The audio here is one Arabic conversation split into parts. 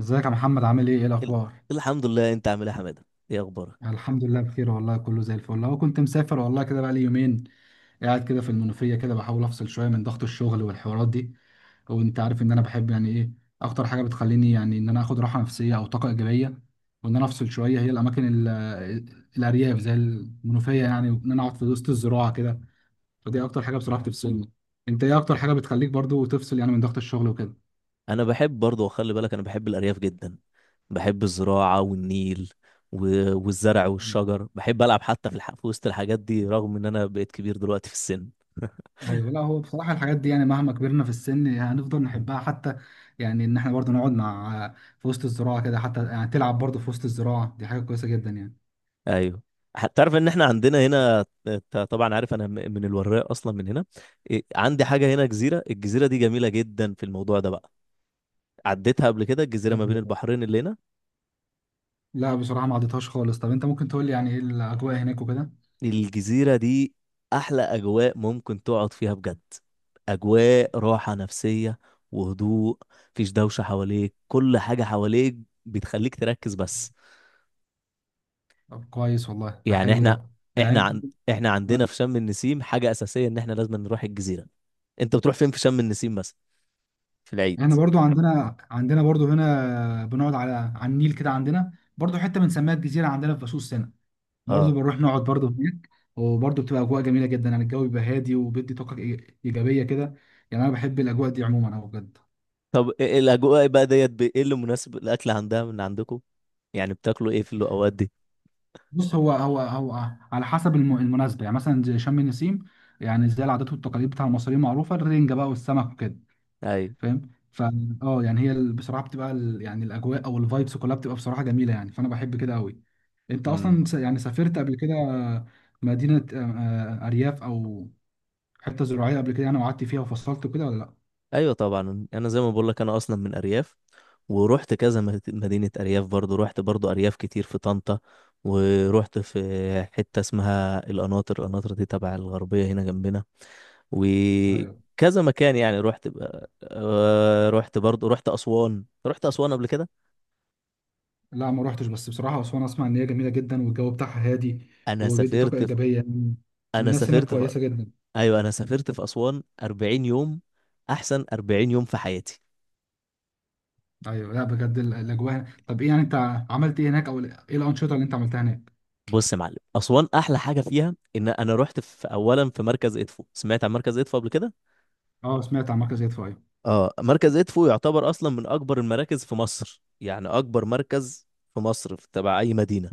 ازيك يا محمد، عامل ايه؟ ايه ال- الاخبار؟ الحمد لله، انت عامل ايه يا حماده؟ ايه اخبارك؟ الحمد لله بخير والله، كله زي الفل. هو كنت مسافر والله، كده بقى لي يومين قاعد كده في المنوفيه، كده بحاول افصل شويه من ضغط الشغل والحوارات دي. وانت عارف ان انا بحب يعني ايه اكتر حاجه بتخليني، يعني ان انا اخد راحه نفسيه او طاقه ايجابيه وان انا افصل شويه، هي الاماكن الارياف زي المنوفيه يعني، وان انا اقعد في وسط الزراعه كده. فدي اكتر حاجه بصراحه بتفصلني. انت ايه اكتر حاجه بتخليك برضو تفصل يعني من ضغط الشغل وكده؟ انا بحب برضه، وخلي بالك انا بحب الارياف جدا. بحب الزراعه والنيل والزرع والشجر. بحب العب حتى في وسط الحاجات دي رغم ان انا بقيت كبير دلوقتي في السن. ايوه. لا هو بصراحه الحاجات دي يعني مهما كبرنا في السن هنفضل نحبها، حتى يعني ان احنا برضو نقعد مع في وسط الزراعه كده. حتى يعني تلعب برضو في وسط الزراعه، دي حاجه كويسه جدا يعني. ايوه. تعرف ان احنا عندنا هنا، انت طبعا عارف انا من الوراق اصلا من هنا. إيه، عندي حاجه هنا، جزيره. الجزيره دي جميله جدا في الموضوع ده بقى. عديتها قبل كده، الجزيره ما بين أيوة. البحرين اللي هنا. لا بصراحه ما عدتهاش خالص. طب انت ممكن تقول لي يعني ايه الاجواء هناك وكده؟ الجزيرة دي أحلى أجواء ممكن تقعد فيها بجد. أجواء راحة نفسية وهدوء، مفيش دوشة حواليك. كل حاجة حواليك بتخليك تركز بس. طب كويس والله، ده يعني حلو احنا ده. احنا يعني عن... احنا عندنا في شم النسيم حاجة أساسية، إن احنا لازم نروح الجزيرة. أنت بتروح فين في شم النسيم مثلا، في العيد؟ احنا برضو عندنا، عندنا برضو هنا بنقعد على النيل كده. عندنا برضو حته بنسميها الجزيره عندنا في باسوس هنا. برضه اه. بنروح نقعد برضه هناك، وبرضه بتبقى اجواء جميله جدا يعني. الجو بيبقى هادي وبيدي طاقه ايجابيه كده، يعني انا بحب الاجواء دي عموما او بجد. طب إيه الأجواء بقى ديت، إيه اللي مناسب الأكل عندها من عندكم؟ يعني بتاكلوا إيه في الأوقات دي؟ بص، هو على حسب المناسبه، يعني مثلا زي شم النسيم، يعني زي العادات والتقاليد بتاع المصريين معروفه، الرنجه بقى والسمك وكده. ايوه. فاهم؟ اه يعني هي بصراحه بتبقى يعني الاجواء او الفايبس كلها بتبقى بصراحه جميله يعني، فانا بحب كده قوي. انت امم. اصلا يعني سافرت قبل كده مدينه، ارياف او حته زراعيه قبل كده يعني، وقعدت فيها وفصلت وكده ولا لا؟ ايوه طبعا، انا زي ما بقول لك انا اصلا من ارياف، ورحت كذا مدينة أرياف. برضو رحت برضو أرياف كتير في طنطا، ورحت في حتة اسمها القناطر. القناطر دي تبع الغربية هنا جنبنا، ايوه. وكذا مكان. يعني رحت رحت برضو، رحت أسوان، رحت أسوان قبل كده. لا ما روحتش، بس بصراحه اسوان اسمع ان هي جميله جدا والجو بتاعها هادي أنا وبيدي طاقه سافرت في ايجابيه يعني، أنا والناس هناك سافرت في كويسه جدا. أيوة أنا سافرت في أسوان 40 يوم، أحسن 40 يوم في حياتي. ايوه. لا بجد الاجواء طب ايه يعني انت عملت ايه هناك، او ايه الانشطه اللي انت عملتها هناك؟ بص يا معلم، أسوان أحلى حاجة فيها إن أنا رحت في أولا في مركز إدفو. سمعت عن مركز إدفو قبل كده؟ اه سمعت عن مركز يدفع، ايوه. اه. مركز ادفو يعتبر اصلا من اكبر المراكز في مصر، يعني اكبر مركز في مصر في تبع اي مدينه.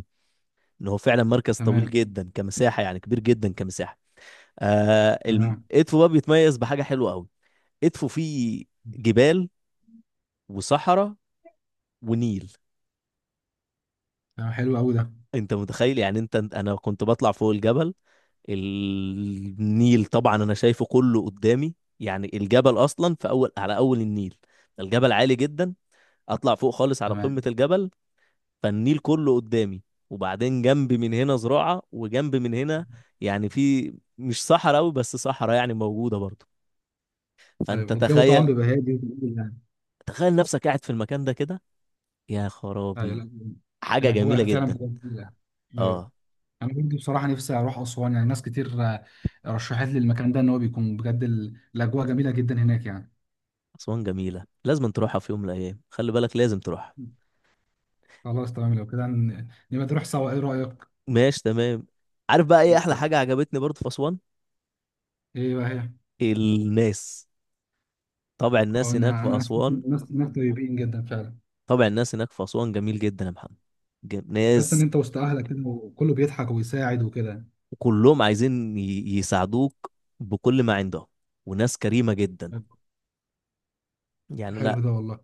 ان هو فعلا مركز طويل تمام. جدا كمساحه، يعني كبير جدا كمساحه. تمام. ادفو بقى بيتميز بحاجه حلوه قوي. ادفو فيه جبال وصحراء ونيل. تمام، حلو قوي ده. انت متخيل؟ يعني انت انا كنت بطلع فوق الجبل، النيل طبعا انا شايفه كله قدامي. يعني الجبل اصلا في اول على اول النيل، الجبل عالي جدا. اطلع فوق خالص على قمة تمام. الجبل، فالنيل كله قدامي، وبعدين جنبي من هنا زراعة، وجنب من هنا يعني في مش صحراء أوي، بس صحراء يعني موجودة برضه. فأنت ايوه، الجو طبعا تخيل، بيبقى هادي وجميل يعني. تخيل نفسك قاعد في المكان ده كده. يا ايوه. خرابي، لا، حاجة جميلة الاجواء فعلا جدا. بتبقى جميله يعني. ايوه. اه. انا كنت بصراحه نفسي اروح اسوان، يعني ناس كتير رشحت لي المكان ده ان هو بيكون بجد الاجواء جميله جدا هناك يعني. أسوان جميلة، لازم تروحها في يوم من الأيام، خلي بالك لازم تروحها. خلاص تمام، لو كده نبقى نروح سوا، ايه رأيك؟ ماشي تمام. عارف بقى ايه خلاص أحلى ده. حاجة عجبتني برضه في أسوان؟ ايه بقى هي؟ الناس، طبع اه، الناس هناك انا في انا حسيت إن أسوان. الناس ناس طيبين جدا فعلا. طبع الناس هناك في أسوان جميل جدا يا محمد. تحس ان ناس انت وسط اهلك كده، وكله بيضحك ويساعد وكده. وكلهم عايزين يساعدوك بكل ما عندهم، وناس كريمة جدا. يعني أنا حلو ده والله.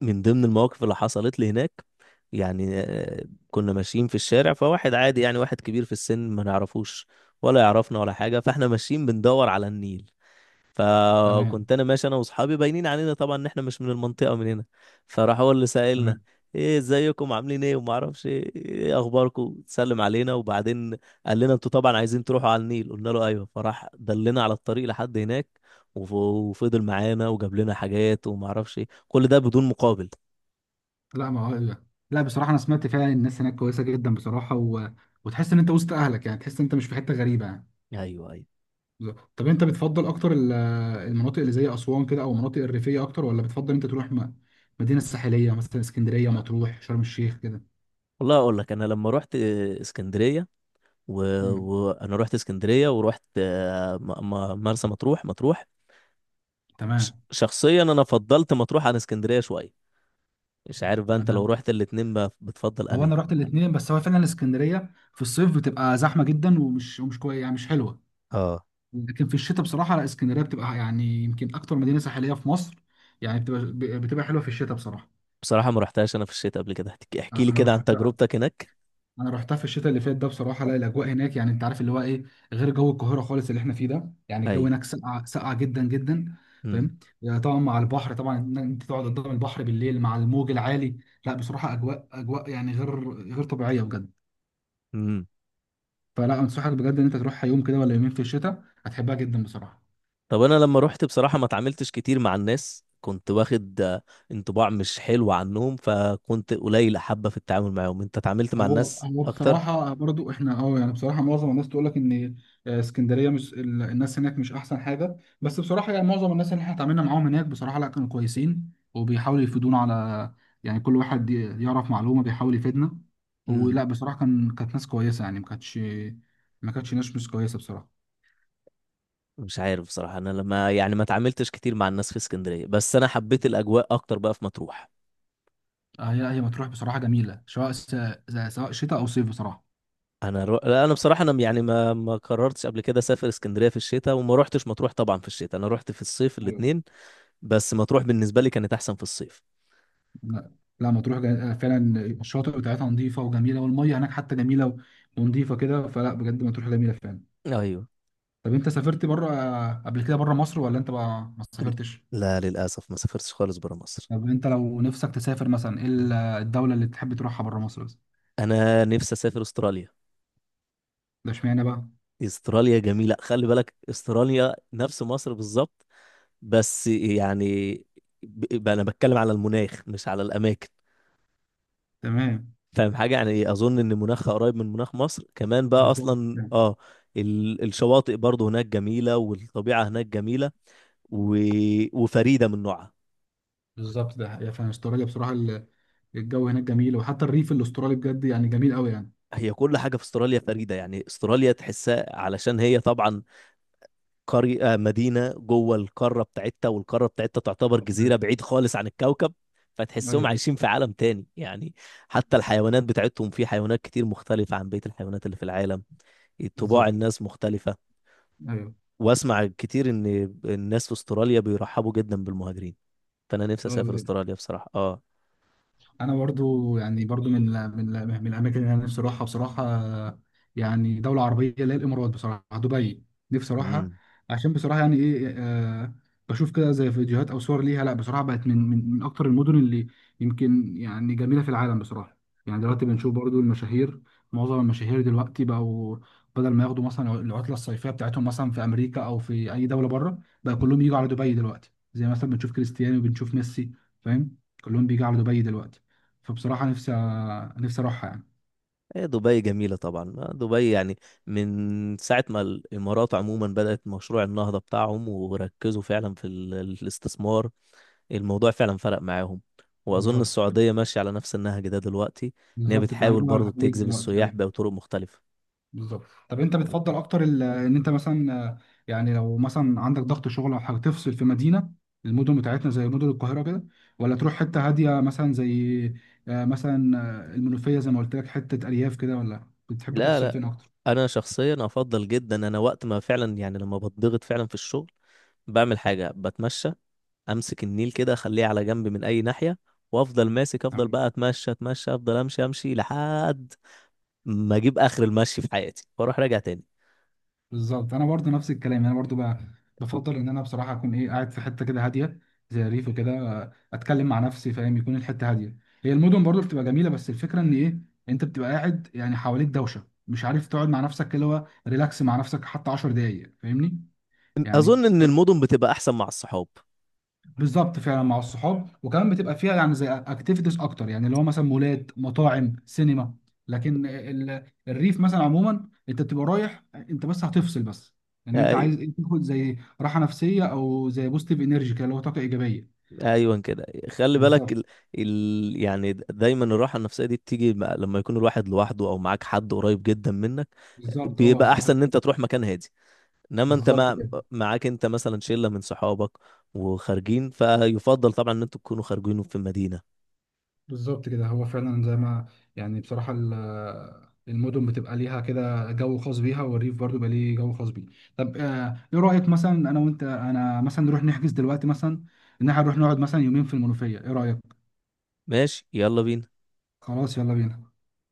من ضمن المواقف اللي حصلت لي هناك، يعني آه، كنا ماشيين في الشارع، فواحد عادي يعني واحد كبير في السن، ما نعرفوش ولا يعرفنا ولا حاجة، فاحنا ماشيين بندور على النيل. تمام، فكنت انا ماشي انا واصحابي، باينين علينا طبعا ان احنا مش من المنطقه من هنا. فراح هو اللي سائلنا، تمام. ايه ازيكم، عاملين ايه، وما اعرفش ايه، إيه اخباركم، سلم علينا. وبعدين قال لنا انتوا طبعا عايزين تروحوا على النيل. قلنا له ايوه، فراح دلنا على الطريق لحد هناك. وفضل معانا، وجاب لنا حاجات وما اعرفش ايه، كل ده بدون مقابل. لا ما هو إيه. لا بصراحة انا سمعت فعلا إن الناس هناك كويسة جدا بصراحة، و... وتحس ان انت وسط اهلك، يعني تحس ان انت مش في حتة غريبة يعني. ايوه، ايوه. بالظبط. طب انت بتفضل اكتر المناطق اللي زي اسوان كده، او المناطق الريفية اكتر، ولا بتفضل انت تروح مدينة ساحلية مثلا، اسكندرية، مطروح، شرم الشيخ كده؟ والله اقول لك، انا لما رحت اسكندريه، مم. أنا رحت اسكندريه، ورحت آه، مرسى مطروح، مطروح. تمام. شخصيا انا فضلت مطروح عن اسكندريه شويه. مش عارف بقى انت لو تمام. رحت الاتنين بقى بتفضل هو انا انهي. رحت الاثنين، بس هو فعلا الاسكندريه في الصيف بتبقى زحمه جدا، ومش كويس يعني، مش حلوه. اه. لكن في الشتاء بصراحه لا، اسكندريه بتبقى يعني يمكن اكتر مدينه ساحليه في مصر، يعني بتبقى حلوه في الشتاء بصراحه. بصراحه ما رحتهاش انا في الشتاء قبل كده، احكي، احكي لي انا كده عن رحت تجربتك هناك. انا رحتها في الشتاء اللي فات ده بصراحه. لا الاجواء هناك يعني انت عارف اللي هو ايه، غير جو القاهره خالص اللي احنا فيه ده. يعني الجو اي. هناك ساقع ساقع جدا جدا، امم. فاهم يعني؟ طبعا مع البحر، طبعا إن انت تقعد قدام البحر بالليل مع الموج العالي، لا بصراحه اجواء اجواء يعني غير طبيعيه بجد. امم. فلا، انصحك بجد ان انت تروحها يوم كده ولا يومين في الشتاء، هتحبها جدا بصراحه. طب انا لما رحت، بصراحه ما اتعاملتش كتير مع الناس، كنت واخد آه، انطباع مش حلو عنهم، فكنت قليل حبه في التعامل معاهم. انت اتعاملت مع هو الناس هو اكتر؟ بصراحه برضو احنا، يعني بصراحه معظم الناس تقول لك ان اسكندريه مش الناس هناك مش احسن حاجه، بس بصراحه يعني معظم الناس اللي احنا اتعاملنا معاهم هناك بصراحه لا، كانوا كويسين وبيحاولوا يفيدونا على، يعني كل واحد يعرف معلومه بيحاول يفيدنا. امم. ولا بصراحه كانت ناس كويسه يعني، ما كانتش ناس مش كويسه بصراحه. مش عارف بصراحه، انا لما يعني ما اتعاملتش كتير مع الناس في اسكندريه، بس انا حبيت الاجواء اكتر بقى في مطروح. هي مطروح بصراحه جميله، سواء سواء شتاء او صيف بصراحه. لا انا بصراحه انا يعني ما قررتش قبل كده اسافر اسكندريه في الشتاء، وما روحتش مطروح طبعا في الشتاء، انا روحت في الصيف ايوه. الاثنين. بس مطروح بالنسبه لي كانت احسن في الصيف. لا لا، مطروح فعلا الشواطئ بتاعتها نظيفه وجميله، والميه هناك حتى جميله ونظيفه كده، فلا بجد مطروح جميله فعلا. ايوه. طب انت سافرت بره قبل كده، بره مصر، ولا انت بقى ما سافرتش؟ لا للاسف ما سافرتش خالص برا مصر. طب انت لو نفسك تسافر مثلا، ايه الدوله اللي تحب تروحها بره مصر بس؟ انا نفسي اسافر استراليا. ده اشمعنى بقى؟ استراليا جميله، خلي بالك استراليا نفس مصر بالظبط. بس يعني انا بتكلم على المناخ مش على الاماكن، تمام. فاهم حاجة؟ يعني أظن إن مناخها قريب من مناخ مصر كمان بقى بالظبط أصلا. يعني. آه. الشواطئ برضه هناك جميلة، والطبيعة هناك جميلة، و... وفريدة من نوعها. بالظبط، ده هي فعلا استراليا بصراحه الجو هناك جميل، وحتى الريف الاسترالي بجد يعني جميل قوي يعني. هي كل حاجة في استراليا فريدة. يعني استراليا تحسها علشان هي طبعا قرية آه، مدينة جوه القارة بتاعتها، والقارة بتاعتها تعتبر ايوه. جزيرة بعيد خالص عن الكوكب، فتحسهم أيوة. عايشين في عالم تاني يعني. حتى الحيوانات بتاعتهم، في حيوانات كتير مختلفة عن بقية الحيوانات اللي في العالم. طباع بالظبط. الناس مختلفة. واسمع كتير ان الناس في استراليا بيرحبوا جدا بالمهاجرين، فانا نفسي اسافر ايوه، استراليا بصراحه. اه. انا برضو يعني برضو من من الاماكن اللي انا نفسي اروحها بصراحه، يعني دوله عربيه اللي هي الامارات، بصراحه دبي، نفسي اروحها. امم. عشان بصراحه يعني ايه، بشوف كده زي فيديوهات او صور ليها. لا بصراحه بقت من اكتر المدن اللي يمكن يعني جميله في العالم بصراحه. يعني دلوقتي بنشوف برضو المشاهير، معظم المشاهير دلوقتي بقوا بدل ما ياخدوا مثلا العطله الصيفيه بتاعتهم مثلا في امريكا او في اي دوله بره بقى، كلهم يجوا على دبي دلوقتي، زي مثلا بنشوف كريستيانو، بنشوف ميسي، فاهم؟ كلهم بيجوا على دبي دلوقتي، فبصراحة نفسي، أروحها يعني. هي دبي جميله طبعا، آه، دبي يعني من ساعه ما الامارات عموما بدات مشروع النهضه بتاعهم، وركزوا فعلا في الاستثمار، الموضوع فعلا فرق معاهم. واظن بالظبط. السعوديه ماشيه على نفس النهج ده دلوقتي. ان هي بالظبط، بتحاول فهجوم برضو الخليج تجذب دلوقتي. السياح أيوة، بطرق مختلفه. بالظبط. طب أنت بتفضل أكتر إن أنت مثلا يعني لو مثلا عندك ضغط شغل أو حاجة تفصل في مدينة، المدن بتاعتنا زي مدن القاهرة كده، ولا تروح حتة هادية مثلا زي مثلا المنوفية زي ما قلت لك، حتة أرياف كده، ولا بتحب لا تفصل لا فين أكتر؟ انا شخصيا افضل جدا، انا وقت ما فعلا يعني لما بتضغط فعلا في الشغل، بعمل حاجه، بتمشى، امسك النيل كده، اخليه على جنب من اي ناحيه، وافضل ماسك، افضل بقى اتمشى اتمشى، افضل امشي امشي لحد ما اجيب اخر المشي في حياتي، واروح راجع تاني. بالظبط، انا برضو نفس الكلام. انا برضو بفضل ان انا بصراحه اكون ايه، قاعد في حته كده هاديه زي الريف وكده، اتكلم مع نفسي فاهم، يكون الحته هاديه. هي المدن برضو بتبقى جميله، بس الفكره ان ايه، انت بتبقى قاعد يعني حواليك دوشه، مش عارف تقعد مع نفسك كده اللي هو ريلاكس مع نفسك حتى 10 دقايق، فاهمني يعني؟ اظن ان المدن بتبقى احسن مع الصحاب. بالظبط، فعلا مع الصحاب، وكمان بتبقى فيها يعني زي اكتيفيتيز اكتر، يعني اللي هو مثلا مولات، مطاعم، سينما. لكن الريف مثلا عموما انت بتبقى رايح انت بس هتفصل بس، لان انت ايوه، عايز تاخد زي راحه نفسيه او زي بوزيتيف انرجي كده اللي هو طاقه ايجابيه. ايوه كده، خلي بالك بالظبط. يعني دايما الراحه النفسيه دي بتيجي لما يكون الواحد لوحده، او معاك حد قريب جدا منك، بالظبط. اه بيبقى صاحب. احسن ان انت تروح مكان هادي. انما بالظبط كده. معاك انت مثلا شله من صحابك وخارجين، فيفضل طبعا ان انتوا تكونوا خارجين في مدينه. بالظبط كده، هو فعلا زي ما يعني بصراحة المدن بتبقى ليها كده جو خاص بيها، والريف برضو بقى ليه جو خاص بيه. طب ايه رأيك مثلا انا وانت، مثلا نروح نحجز دلوقتي، مثلا ان احنا نروح نقعد مثلا يومين في المنوفية، ايه رأيك؟ ماشي يلا بينا. خلاص يلا بينا.